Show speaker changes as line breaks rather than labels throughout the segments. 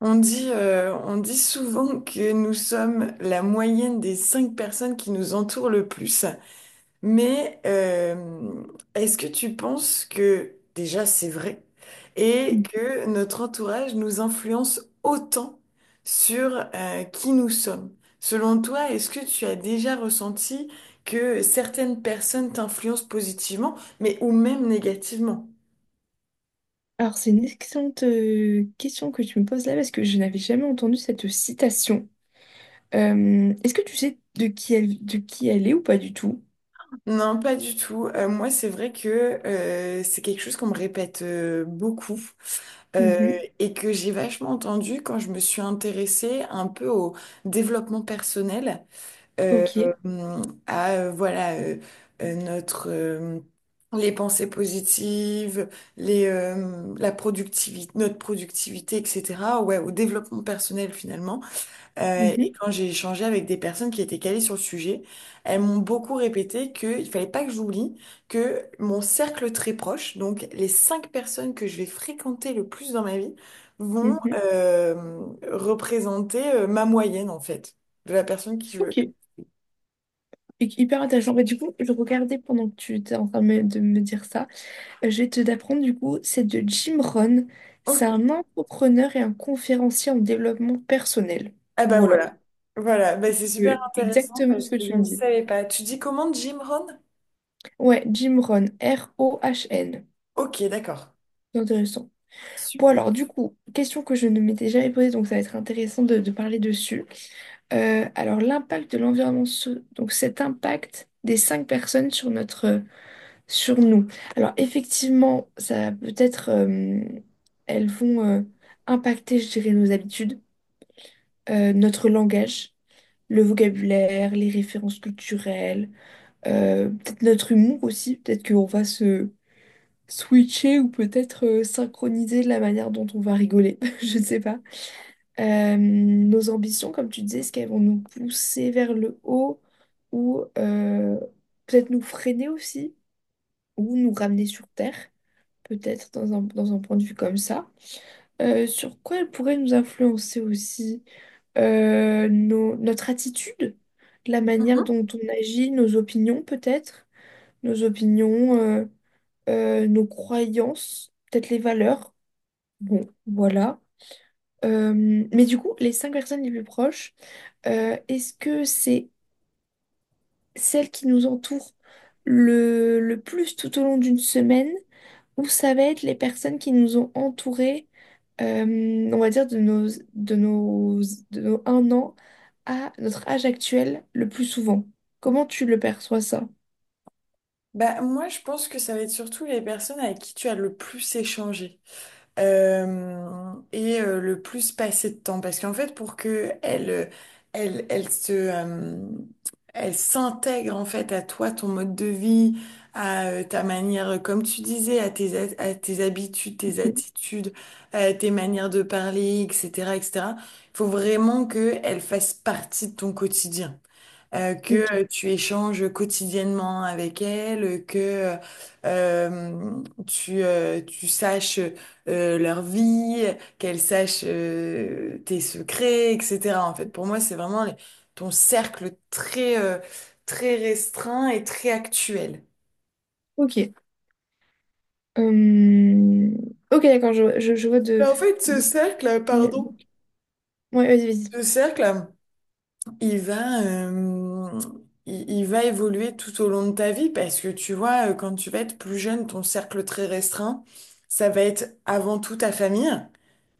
On dit souvent que nous sommes la moyenne des cinq personnes qui nous entourent le plus. Mais est-ce que tu penses que déjà c'est vrai et
Mm.
que notre entourage nous influence autant sur qui nous sommes? Selon toi, est-ce que tu as déjà ressenti que certaines personnes t'influencent positivement, mais ou même négativement?
Alors, c'est une excellente question que tu me poses là parce que je n'avais jamais entendu cette citation. Est-ce que tu sais de qui elle est ou pas du tout?
Non, pas du tout. Moi, c'est vrai que c'est quelque chose qu'on me répète beaucoup euh,
Mhm.
et que j'ai vachement entendu quand je me suis intéressée un peu au développement personnel, euh,
Ok.
à voilà notre les pensées positives, les la productivité, notre productivité, etc. Ouais, au développement personnel finalement. Et
Mhm.
quand j'ai échangé avec des personnes qui étaient calées sur le sujet, elles m'ont beaucoup répété qu'il fallait pas que j'oublie que mon cercle très proche, donc les cinq personnes que je vais fréquenter le plus dans ma vie, vont
Mhm.
représenter ma moyenne en fait, de la personne qui je veux.
Ok. Hyper intéressant. Bah, du coup, je regardais pendant que tu étais en train de me dire ça. Je vais te d'apprendre du coup, c'est de Jim Rohn. C'est un
Ok.
entrepreneur et un conférencier en développement personnel.
Ah bah
Voilà.
voilà. Voilà, bah, c'est super
Euh,
intéressant
exactement
parce
ce que
que je
tu me
ne
dis.
savais pas. Tu dis comment Jim Rohn?
Ouais, Jim Rohn. Rohn.
Ok, d'accord.
C'est intéressant. Bon
Super.
alors du coup, question que je ne m'étais jamais posée, donc ça va être intéressant de parler dessus. Alors l'impact de l'environnement, donc cet impact des cinq personnes sur nous. Alors effectivement, ça peut être, elles vont impacter, je dirais, nos habitudes, notre langage, le vocabulaire, les références culturelles, peut-être notre humour aussi, peut-être qu'on va se switcher ou peut-être synchroniser la manière dont on va rigoler, je ne sais pas. Nos ambitions, comme tu disais, est-ce qu'elles vont nous pousser vers le haut ou peut-être nous freiner aussi ou nous ramener sur Terre, peut-être dans un point de vue comme ça. Sur quoi elles pourraient nous influencer aussi. Notre attitude, la manière
Mhm.
dont on agit, nos opinions peut-être, nos opinions, euh, nos croyances, peut-être les valeurs. Bon, voilà. Euh, mais du coup, les cinq personnes les plus proches, est-ce que c'est celles qui nous entourent le plus tout au long d'une semaine ou ça va être les personnes qui nous ont entourés, euh, on va dire, de nos, de nos un an à notre âge actuel le plus souvent? Comment tu le perçois ça?
Bah moi je pense que ça va être surtout les personnes avec qui tu as le plus échangé, et le plus passer de temps. Parce qu'en fait, pour que elle, elle se, euh, elle s'intègre en fait à toi, ton mode de vie, à ta manière, comme tu disais, à à tes habitudes, tes
Mhm.
attitudes, à tes manières de parler, etc., etc. Il faut vraiment que elle fasse partie de ton quotidien,
Ok,
que tu échanges quotidiennement avec elle, que tu saches leur vie, qu'elle sache tes secrets, etc. En fait, pour moi, c'est vraiment ton cercle très, très restreint et très actuel.
ok. Euh, Ok, d'accord, je vois.
Mais en fait, ce
De-
cercle,
Ouais,
pardon,
vas-y, vas-y.
ce cercle, il va, euh, il va évoluer tout au long de ta vie parce que tu vois, quand tu vas être plus jeune, ton cercle très restreint, ça va être avant tout ta famille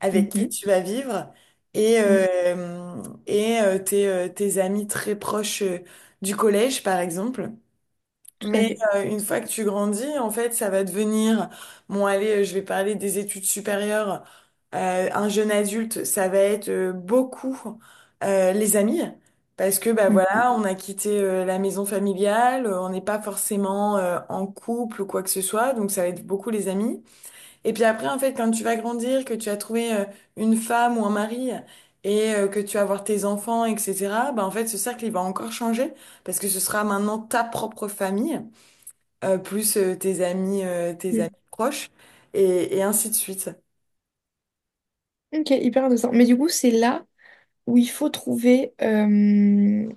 avec qui
Mhm,
tu vas vivre et,
mhm,
euh, et tes amis très proches du collège, par exemple.
tout à
Mais
fait.
une fois que tu grandis, en fait, ça va devenir, bon, allez, je vais parler des études supérieures. Un jeune adulte, ça va être beaucoup les amis, parce que bah
Mhm,
voilà, on a quitté la maison familiale, on n'est pas forcément en couple ou quoi que ce soit, donc ça va être beaucoup les amis. Et puis après, en fait, quand tu vas grandir, que tu as trouvé une femme ou un mari et que tu vas avoir tes enfants, etc., bah en fait, ce cercle, il va encore changer, parce que ce sera maintenant ta propre famille plus tes amis
mhm.
proches, et ainsi de suite.
Ok, hyper intéressant. Mais du coup, c'est là où il faut trouver,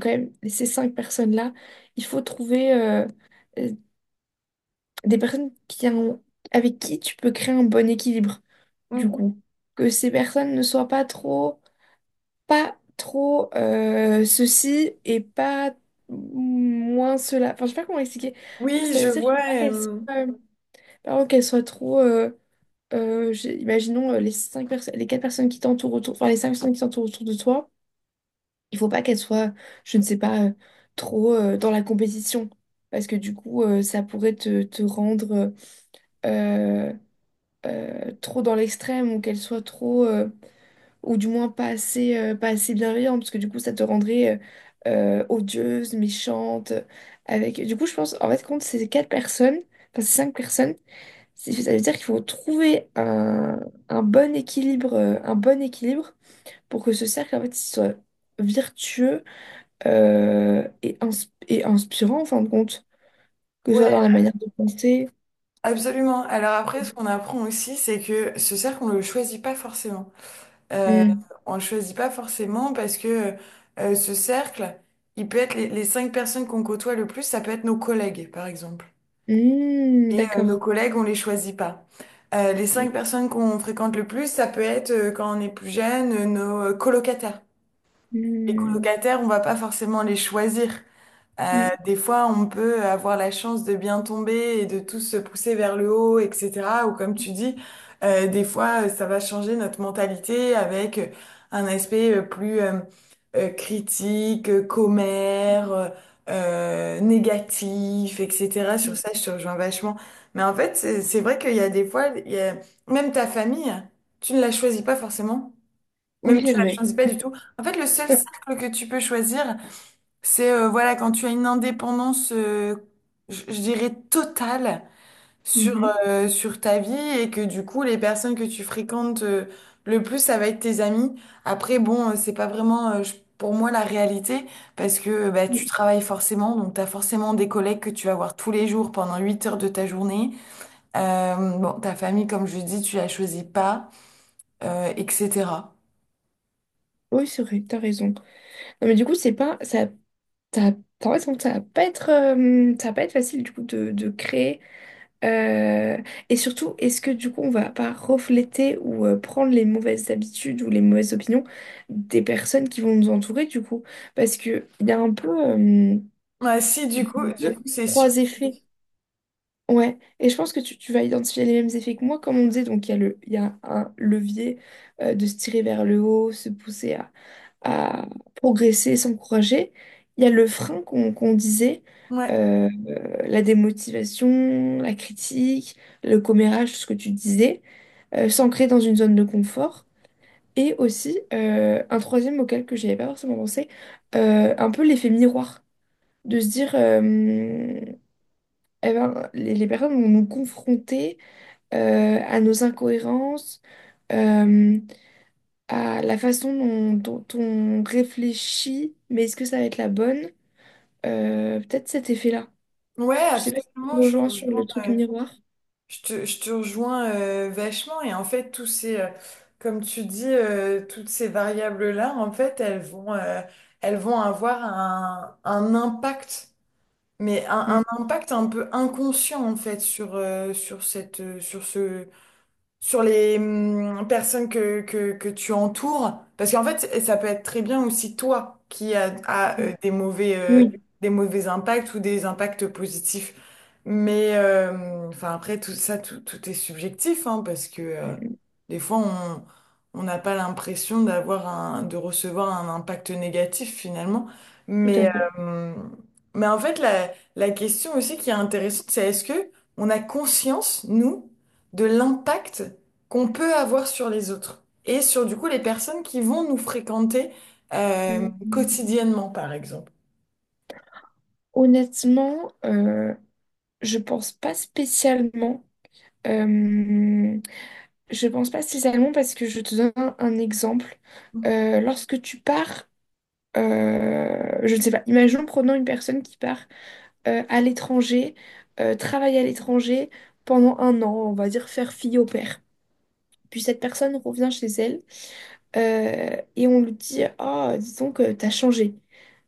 quand même, ces cinq personnes-là, il faut trouver euh, des personnes avec qui tu peux créer un bon équilibre, du
Mhm.
coup. Que ces personnes ne soient pas trop ceci et pas moins cela. Enfin, je sais pas comment expliquer.
Oui,
Ça
je
veut dire qu'il
vois.
faut pas qu'elles soient,
euh,
pardon, qu'elles soient trop... imaginons les cinq personnes, les quatre personnes qui t'entourent autour, enfin les cinq personnes qui t'entourent autour de toi, il faut pas qu'elles soient, je ne sais pas, trop dans la compétition. Parce que du coup, ça pourrait te rendre euh, trop dans l'extrême ou qu'elles soient trop, ou du moins pas assez bienveillantes. Parce que du coup, ça te rendrait odieuse, méchante. Avec... Du coup, je pense, en fait, compte ces quatre personnes, enfin ces cinq personnes, ça veut dire qu'il faut trouver un bon équilibre pour que ce cercle en fait, il soit vertueux euh, et, ins- et inspirant en fin de compte, que ce soit
ouais,
dans la manière de penser.
absolument. Alors après, ce qu'on apprend aussi, c'est que ce cercle, on le choisit pas forcément. Euh,
Hmm.
on le choisit pas forcément parce que ce cercle, il peut être les cinq personnes qu'on côtoie le plus, ça peut être nos collègues, par exemple.
Hmm,
Et nos
d'accord.
collègues, on les choisit pas. Les
Hmm,
cinq personnes qu'on fréquente le plus, ça peut être quand on est plus jeune, nos colocataires. Les
hmm,
colocataires, on va pas forcément les choisir. Euh,
hmm.
des fois, on peut avoir la chance de bien tomber et de tous se pousser vers le haut, etc. Ou comme tu dis, des fois, ça va changer notre mentalité avec un aspect plus critique, commère, négatif, etc. Sur
Hmm.
ça, je te rejoins vachement. Mais en fait, c'est vrai qu'il y a des fois, même ta famille, tu ne la choisis pas forcément. Même
Oui,
tu
c'est
la
vrai.
choisis pas du tout. En fait, le seul
Ouais.
cercle que tu peux choisir, c'est voilà quand tu as une indépendance, je dirais totale sur
Mhm.
sur ta vie et que du coup les personnes que tu fréquentes le plus, ça va être tes amis. Après, bon, c'est pas vraiment pour moi la réalité parce que bah,
Hmm.
tu travailles forcément, donc tu as forcément des collègues que tu vas voir tous les jours pendant 8 heures de ta journée. Bon, ta famille, comme je dis, tu la choisis pas, etc.
Oui, c'est vrai, t'as raison. Non, mais du coup, c'est pas, ça, en fait, ça va pas être, ça va pas être facile du coup de créer. Euh, et surtout, est-ce que du coup, on va pas refléter ou prendre les mauvaises habitudes ou les mauvaises opinions des personnes qui vont nous entourer du coup? Parce que il y a un peu
Bah, si, du coup, c'est sûr.
trois effets. Ouais, et je pense que tu vas identifier les mêmes effets que moi, comme on disait. Donc, il y a un levier de se tirer vers le haut, se pousser à progresser et s'encourager. Il y a le frein qu'on disait,
Ouais,
euh, la démotivation, la critique, le commérage, tout ce que tu disais, s'ancrer dans une zone de confort. Et aussi, un troisième auquel que j'avais pas forcément pensé, un peu l'effet miroir, de se dire, eh ben, les personnes vont nous confronter à nos incohérences, euh, à la façon dont on réfléchit, mais est-ce que ça va être la bonne? Peut-être cet effet-là.
ouais,
Je sais pas si tu
absolument.
me
Je
rejoins
te
sur
rejoins,
le truc miroir.
je te, je te rejoins vachement. Et en fait, comme tu dis, toutes ces variables-là, en fait, elles vont avoir un impact, mais un,
Mm,
un impact un peu inconscient, en fait, sur, sur cette, sur ce, sur les personnes que tu entoures. Parce qu'en fait, ça peut être très bien aussi toi qui a
mm. Oui,
des mauvais impacts ou des impacts positifs. Mais enfin après, tout ça, tout est subjectif, hein, parce que
mm, mm,
des fois, on n'a pas l'impression de recevoir un impact négatif finalement.
tout à
Mais,
fait.
euh, mais en fait, la question aussi qui est intéressante, c'est est-ce que on a conscience, nous, de l'impact qu'on peut avoir sur les autres et sur du coup les personnes qui vont nous fréquenter
Mm, mm.
quotidiennement, par exemple.
Honnêtement, je pense pas spécialement. Euh, je pense pas spécialement parce que je te donne un exemple. Lorsque tu pars, je ne sais pas, imaginons prenons une personne qui part à l'étranger, travaille à l'étranger pendant un an, on va dire faire fille au père. Puis cette personne revient chez elle et on lui dit, ah, disons que t'as changé.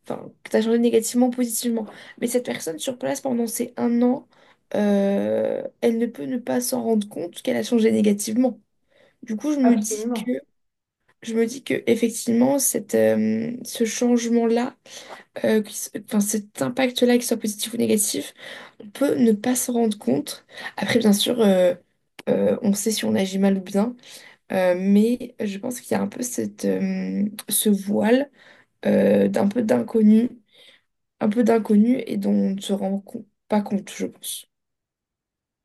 Enfin, que t'as changé négativement, positivement. Mais cette personne sur place pendant ces un an, elle ne peut ne pas s'en rendre compte qu'elle a changé négativement. Du coup, je me dis que,
Absolument.
je me dis que effectivement, cette, ce changement-là, enfin, cet impact-là, qu'il soit positif ou négatif, on peut ne pas s'en rendre compte. Après, bien sûr, on sait si on agit mal ou bien. Mais je pense qu'il y a un peu cette, ce voile d'un peu d'inconnu, et dont on ne se rend pas compte, je pense.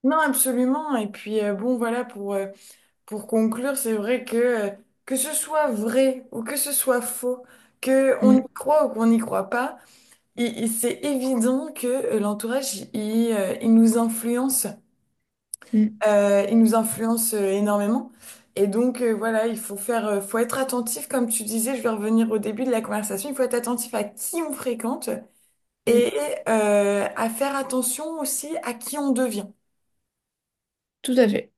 Non, absolument. Et puis, bon, voilà, pour conclure, c'est vrai que ce soit vrai ou que ce soit faux, que on
Mm,
y croit ou qu'on n'y croit pas, c'est évident que l'entourage, il nous influence
mm,
Euh, il nous influence euh, énormément. Et donc, voilà, faut être attentif, comme tu disais, je vais revenir au début de la conversation, il faut être attentif à qui on fréquente
mm.
et à faire attention aussi à qui on devient.
Tout à fait.